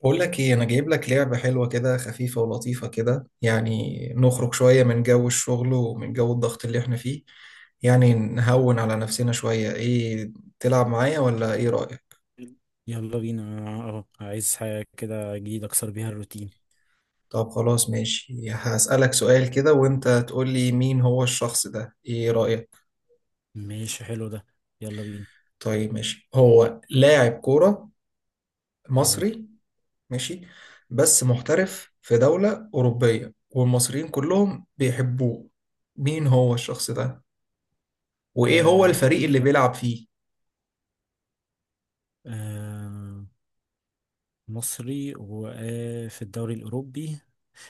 بقول لك ايه؟ انا جايب لك لعبة حلوة كده، خفيفة ولطيفة كده، يعني نخرج شوية من جو الشغل ومن جو الضغط اللي احنا فيه. يعني نهون على نفسنا شوية. ايه، تلعب معايا ولا ايه رأيك؟ يلا بينا. اه عايز حاجة كده جديدة اكسر بيها الروتين. طب خلاص، ماشي. هسألك سؤال كده وانت تقول لي مين هو الشخص ده، ايه رأيك؟ ماشي، حلو ده. يلا بينا. طيب ماشي. هو لاعب كورة اهو. مصري. ماشي. بس محترف في دولة أوروبية، والمصريين كلهم بيحبوه. مين هو الشخص ده، وايه هو آه. الفريق اللي بيلعب فيه؟ آه. مصري وفي الدوري الأوروبي.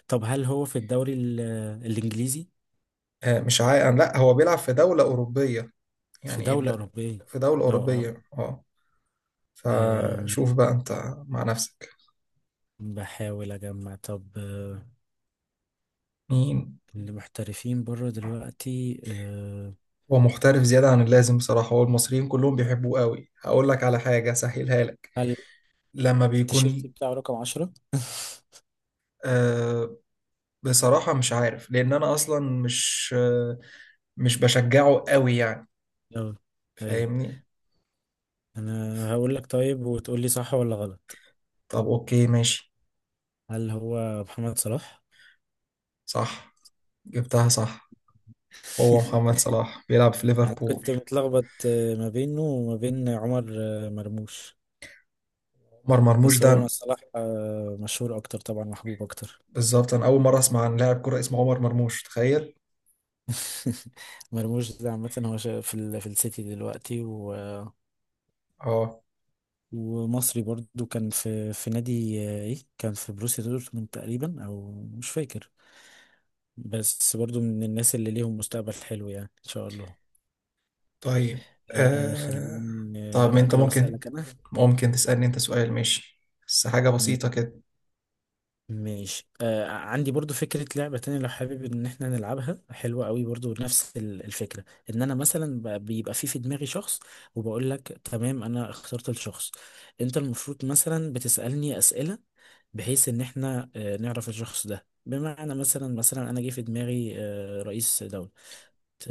طب هل هو في الدوري الإنجليزي؟ آه مش عا... آه، لا، هو بيلعب في دولة أوروبية. في يعني إيه دولة الد... أوروبية. في دولة اه. اه. أوروبية اه آه، فشوف بقى انت مع نفسك. بحاول أجمع. طب مين؟ اللي محترفين بره دلوقتي. آه. هو محترف زيادة عن اللازم بصراحة، هو المصريين كلهم بيحبوه قوي. هقول لك على حاجة سهلها لك. هل لما التيشيرت بيكون بتاعه رقم 10؟ آه بصراحة مش عارف، لأن أنا أصلا مش. مش بشجعه قوي يعني. اه. أيوة. فاهمني؟ أنا هقول لك طيب وتقول لي صح ولا غلط. طب أوكي ماشي. هل هو محمد صلاح؟ صح. جبتها صح. هو محمد صلاح بيلعب في أنا ليفربول. كنت متلخبط ما بينه وما بين عمر مرموش. عمر مرموش بس ده؟ هو مع صلاح مشهور أكتر، طبعا محبوب أكتر. بالظبط، انا اول مره اسمع عن لاعب كره اسمه عمر مرموش، تخيل. مرموش ده عامة، هو في في السيتي دلوقتي اه. ومصري برضو. كان في نادي إيه، كان في بروسيا دورتموند تقريبا، أو مش فاكر. بس برضو من الناس اللي ليهم مستقبل حلو، يعني إن شاء الله. طيب. آه، آه... خليني طب ما انت أجرب ممكن أسألك أنا. ممكن تسالني انت سؤال، ماشي. بس حاجه بسيطه كده. ماشي. آه، عندي برضو فكرة لعبة تانية لو حابب ان احنا نلعبها، حلوة قوي برضو. نفس الفكرة ان انا مثلا بيبقى في دماغي شخص، وبقول لك تمام انا اخترت الشخص. انت المفروض مثلا بتسألني اسئلة بحيث ان احنا نعرف الشخص ده. بمعنى مثلا انا جه في دماغي رئيس دولة. ت-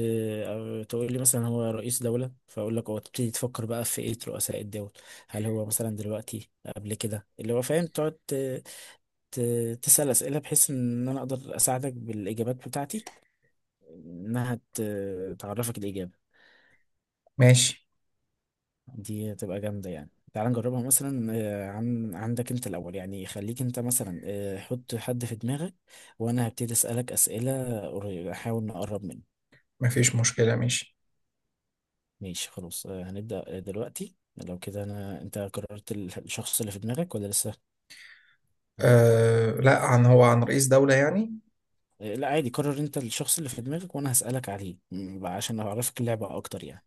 أو تقول لي مثلا هو رئيس دولة، فاقول لك هو. تبتدي تفكر بقى في ايه رؤساء الدول، هل هو مثلا دلوقتي، قبل كده، اللي هو فاهم. تقعد تسأل أسئلة بحيث إن أنا أقدر أساعدك بالإجابات بتاعتي، إنها تعرفك الإجابة. ماشي دي هتبقى جامدة، يعني تعال نجربها مثلا. عن عندك أنت الأول، يعني خليك أنت مثلا حط حد في دماغك، وأنا هبتدي أسألك أسئلة أحاول نقرب منه. مفيش مشكله، ماشي. ماشي خلاص. هنبدأ دلوقتي. لو كده، أنا أنت قررت الشخص اللي في دماغك ولا لسه؟ آه. لا، عن رئيس دوله يعني. لا عادي، قرر أنت الشخص اللي في دماغك وأنا هسألك عليه عشان أعرفك اللعبة أكتر يعني.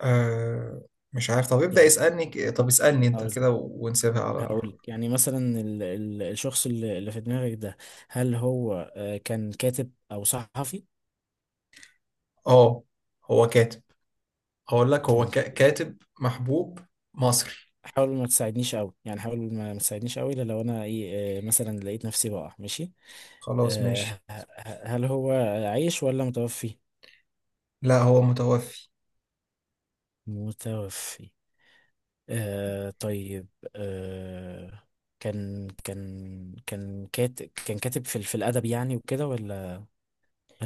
آه... مش عارف. طب ابدا، يعني طب اسالني انت كده، ونسيبها على. هقول يعني مثلا الشخص اللي في دماغك ده، هل هو كان كاتب او صحفي؟ اه، هو كاتب. هقول لك هو كان ك- كاتب محبوب مصري. حاول ما تساعدنيش قوي يعني، حاول ما تساعدنيش قوي الا لو انا ايه مثلا لقيت نفسي بقع، ماشي. خلاص آه، ه- ماشي. هل هو عايش ولا متوفي؟ لا، هو متوفي. متوفي. آه طيب. آه. كان كاتب في في الادب يعني وكده، ولا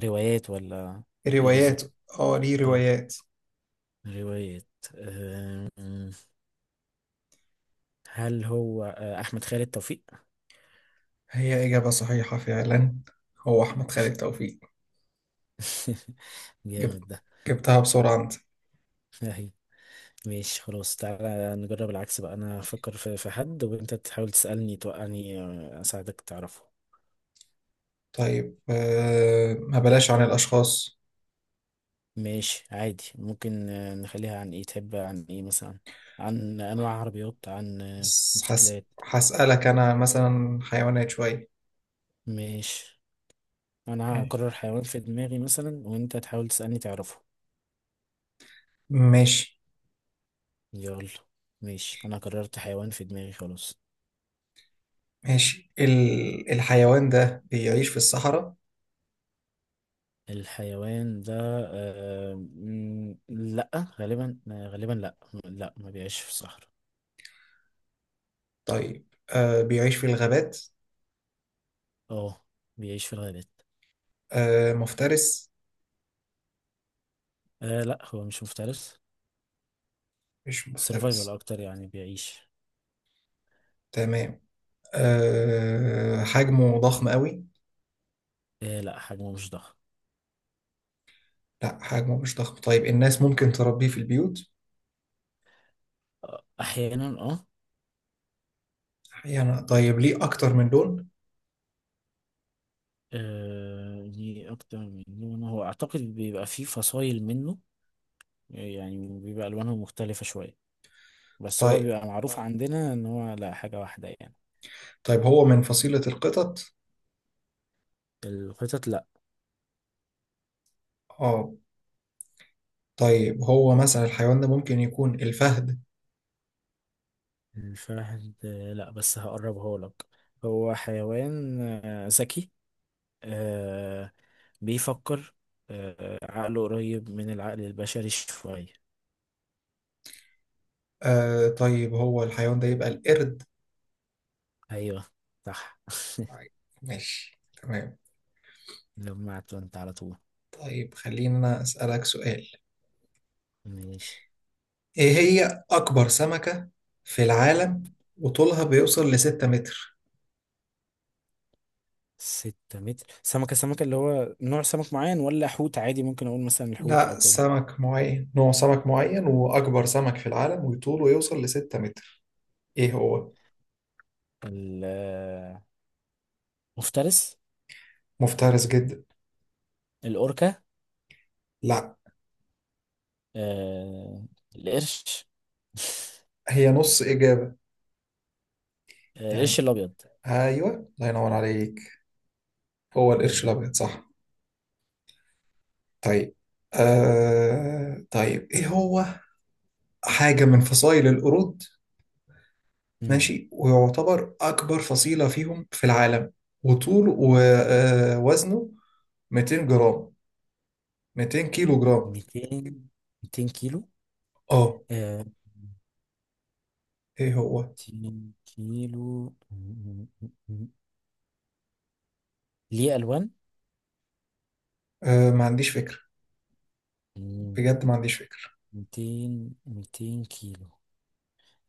روايات، ولا ايه روايات. بالظبط؟ اه، ليه اه. روايات. روايات. آه، هل هو احمد خالد توفيق؟ هي إجابة صحيحة فعلا. هو أحمد خالد توفيق. جبت جامد ده. جبتها بسرعة أنت. اهي. ماشي خلاص، تعالى نجرب العكس بقى. انا افكر في حد وانت تحاول تسالني توقعني، اساعدك تعرفه. طيب، ما بلاش عن الأشخاص. ماشي عادي، ممكن نخليها عن ايه، تحب عن ايه مثلا؟ عن انواع عربيات، عن بس موتوسيكلات. هسألك أنا مثلا حيوانات شوية. ماشي. انا يعني هقرر حيوان في دماغي مثلا وانت تحاول تسالني تعرفه. ماشي. يلا. ماشي، انا قررت حيوان في دماغي خلاص. ماشي، الحيوان ده بيعيش في الصحراء؟ الحيوان ده، لا، غالبا لا. لا، ما بيعيش في الصحراء. طيب، بيعيش في الغابات؟ اه، بيعيش في الغابات. مفترس؟ آه لا، هو مش مفترس. مش سيرفايفل مفترس. اكتر يعني، بيعيش. تمام. حجمه ضخم قوي؟ آه لا، حجمه مش ضخم. لا، حجمه مش ضخم. طيب الناس ممكن تربيه في البيوت؟ آه احيانا اه. يعني طيب، ليه أكتر من لون؟ آه، ليه اكتر من لون، هو اعتقد بيبقى فيه فصائل منه يعني، بيبقى الوانهم مختلفة شوية. بس هو طيب. بيبقى معروف عندنا ان هو لا، حاجة واحدة يعني. طيب هو من فصيلة القطط؟ القطط لا. اه. طيب، هو مثلا الحيوان ده ممكن يكون الفهد؟ الفهد لا، بس هقربها لك. هو حيوان ذكي، آه، بيفكر، عقله قريب من العقل البشري شوية. طيب هو الحيوان ده يبقى القرد؟ أيوه صح. طيب، ماشي تمام. لمعت وانت على طول. طيب خلينا أنا أسألك سؤال. ماشي. إيه هي أكبر سمكة في العالم وطولها بيوصل لستة متر؟ 6 متر. سمكة اللي هو نوع سمك معين، ولا حوت عادي؟ ممكن أقول مثلا الحوت أو لا، كده. سمك معين، نوع سمك معين، وأكبر سمك في العالم وطوله يوصل لستة متر. ايه هو؟ المفترس. مفترس جدا. الأوركا. لا. آه، القرش. هي نص إجابة القرش يعني. الأبيض. أيوه، الله ينور عليك. هو القرش أيوه. الأبيض، صح. طيب. طيب، إيه هو حاجة من فصائل القرود، ماشي، ويعتبر أكبر فصيلة فيهم في العالم، وطوله ووزنه 200 جرام، 200 كيلو جرام. 200. 200 كيلو. آه آه. إيه هو؟ 200 كيلو ليه ألوان. ما عنديش فكرة، بجد ما عنديش فكرة. 200. 200 كيلو.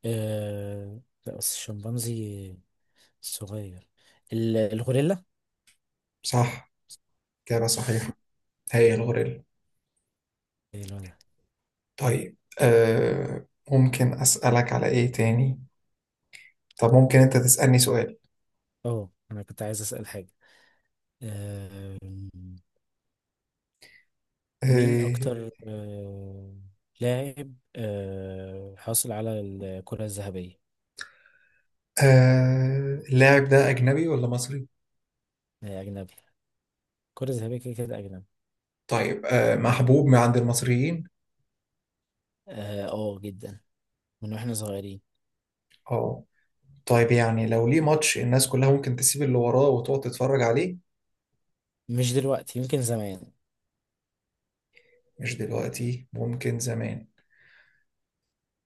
آه لا، بس الشمبانزي صغير. الغوريلا. صح، إجابة صحيحة، هي الغوريلا. إيه لونها. طيب، ممكن أسألك على إيه تاني. طب ممكن انت تسألني سؤال. اه، انا كنت عايز أسأل حاجة. آه، مين آه اكتر لاعب حاصل على الكرة الذهبية؟ اللاعب ده اجنبي ولا مصري؟ آه، أجنبي. الكرة الذهبية كده كده أجنبي. طيب، محبوب من عند المصريين. اه، جدا، من واحنا صغيرين. اه. طيب يعني، لو ليه ماتش الناس كلها ممكن تسيب اللي وراه وتقعد تتفرج عليه؟ مش دلوقتي، يمكن زمان. مش دلوقتي، ممكن زمان.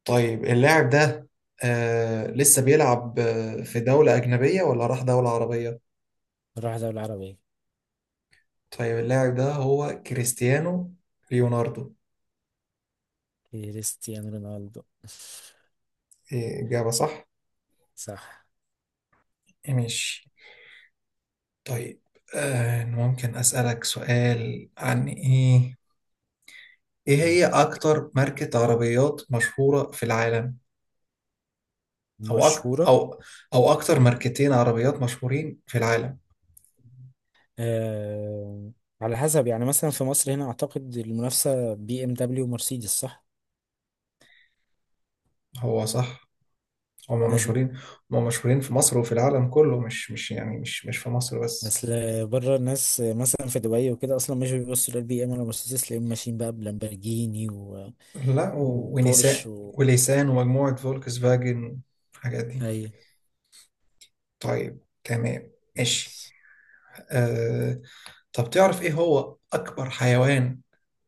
طيب، اللاعب ده لسه بيلعب، في دولة أجنبية ولا راح دولة عربية؟ نروح دولة عربية. طيب، اللاعب ده هو كريستيانو ليوناردو. كريستيانو رونالدو. إيه، إجابة صح. صح. ماشي. طيب، ممكن أسألك سؤال عن إيه. إيه قول. هي أكتر ماركة عربيات مشهورة في العالم؟ مشهورة. أو، أو أكتر ماركتين عربيات مشهورين في العالم؟ آه. على حسب يعني، مثلا في مصر هنا أعتقد المنافسة بي ام دبليو ومرسيدس، صح؟ هو صح، هما أي. مشهورين. هما مشهورين في مصر وفي العالم كله، مش يعني، مش في مصر بس. أصل بره، الناس مثلا في دبي وكده أصلا مش بيبصوا للبي ام ولا مرسيدس، تلاقيهم ماشيين بقى بلامبرجيني لا، وبورش ونساء وليسان ومجموعة فولكس فاجن، الحاجات دي. أي. طيب تمام. ماشي. آه... طب تعرف إيه هو أكبر حيوان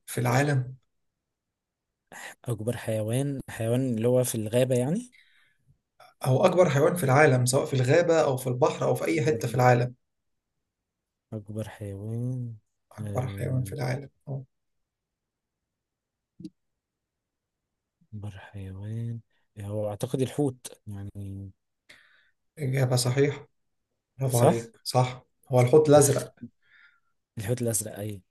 في العالم؟ أكبر حيوان. حيوان اللي هو في الغابة هو أكبر حيوان في العالم، سواء في الغابة أو في البحر أو في أي حتة في يعني؟ العالم. أكبر حيوان أكبر حيوان في آه، العالم، أه. أكبر حيوان، هو أعتقد الحوت يعني. إجابة صحيحة، برافو صح؟ عليك، صح. هو الحوت الأزرق. الحوت الأزرق أي.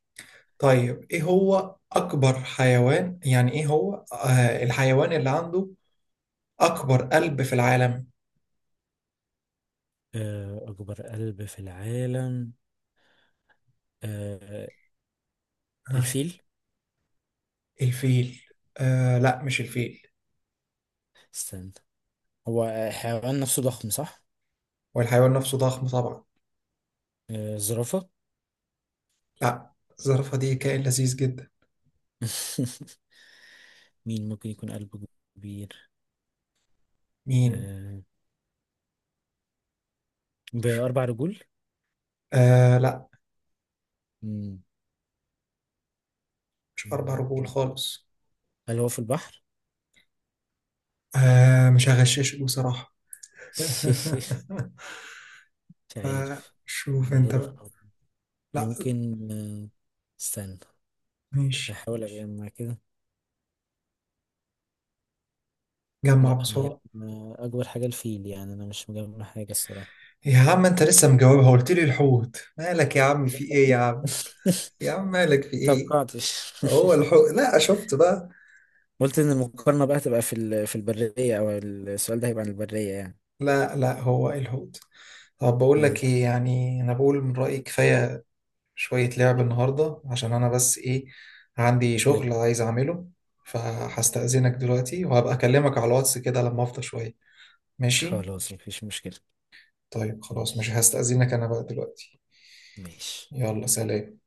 طيب، إيه هو أكبر حيوان، يعني إيه هو الحيوان اللي عنده أكبر قلب في العالم؟ أكبر قلب في العالم. آه، ها. الفيل. الفيل. لا، مش الفيل. استنى، هو حيوان نفسه ضخم صح؟ والحيوان نفسه ضخم طبعا. الزرافة. لا، الزرافة دي كائن لذيذ جدا. مين ممكن يكون قلبه كبير؟ مين؟ آه، بأربع رجول؟ لا، مم. مش أربع مم. رجول خالص. هل هو في البحر؟ مش هغششك بصراحة. مش عارف. فشوف انت بقى. غرف. لا. ممكن استنى. ماشي. هحاول اجمع كده. جمع لا، ما هي بسرعة. ما اكبر حاجه الفيل يعني، انا مش مجمع حاجه الصراحه. يا عم انت لسه مجاوبها، قلت لي الحوت، مالك يا عم، في ايه يا عم؟ يا عم مالك، في ايه؟ متوقعتش. هو الحوت، لا، شفت بقى. قلت ان المقارنه بقى تبقى في في البريه، او السؤال ده هيبقى عن البريه يعني. لا، لا، هو الحوت. طب بقول اهي. لك ايه، يعني انا بقول من رأيي كفاية شوية لعب النهاردة، عشان انا بس ايه، عندي أهي. شغل عايز اعمله. فهستأذنك دلوقتي، وهبقى اكلمك على الواتس كده لما افضى شوية. ماشي. خلاص مفيش مشكله. طيب خلاص، مش ماشي. هستأذنك انا بقى دلوقتي. ماشي. يلا سلام.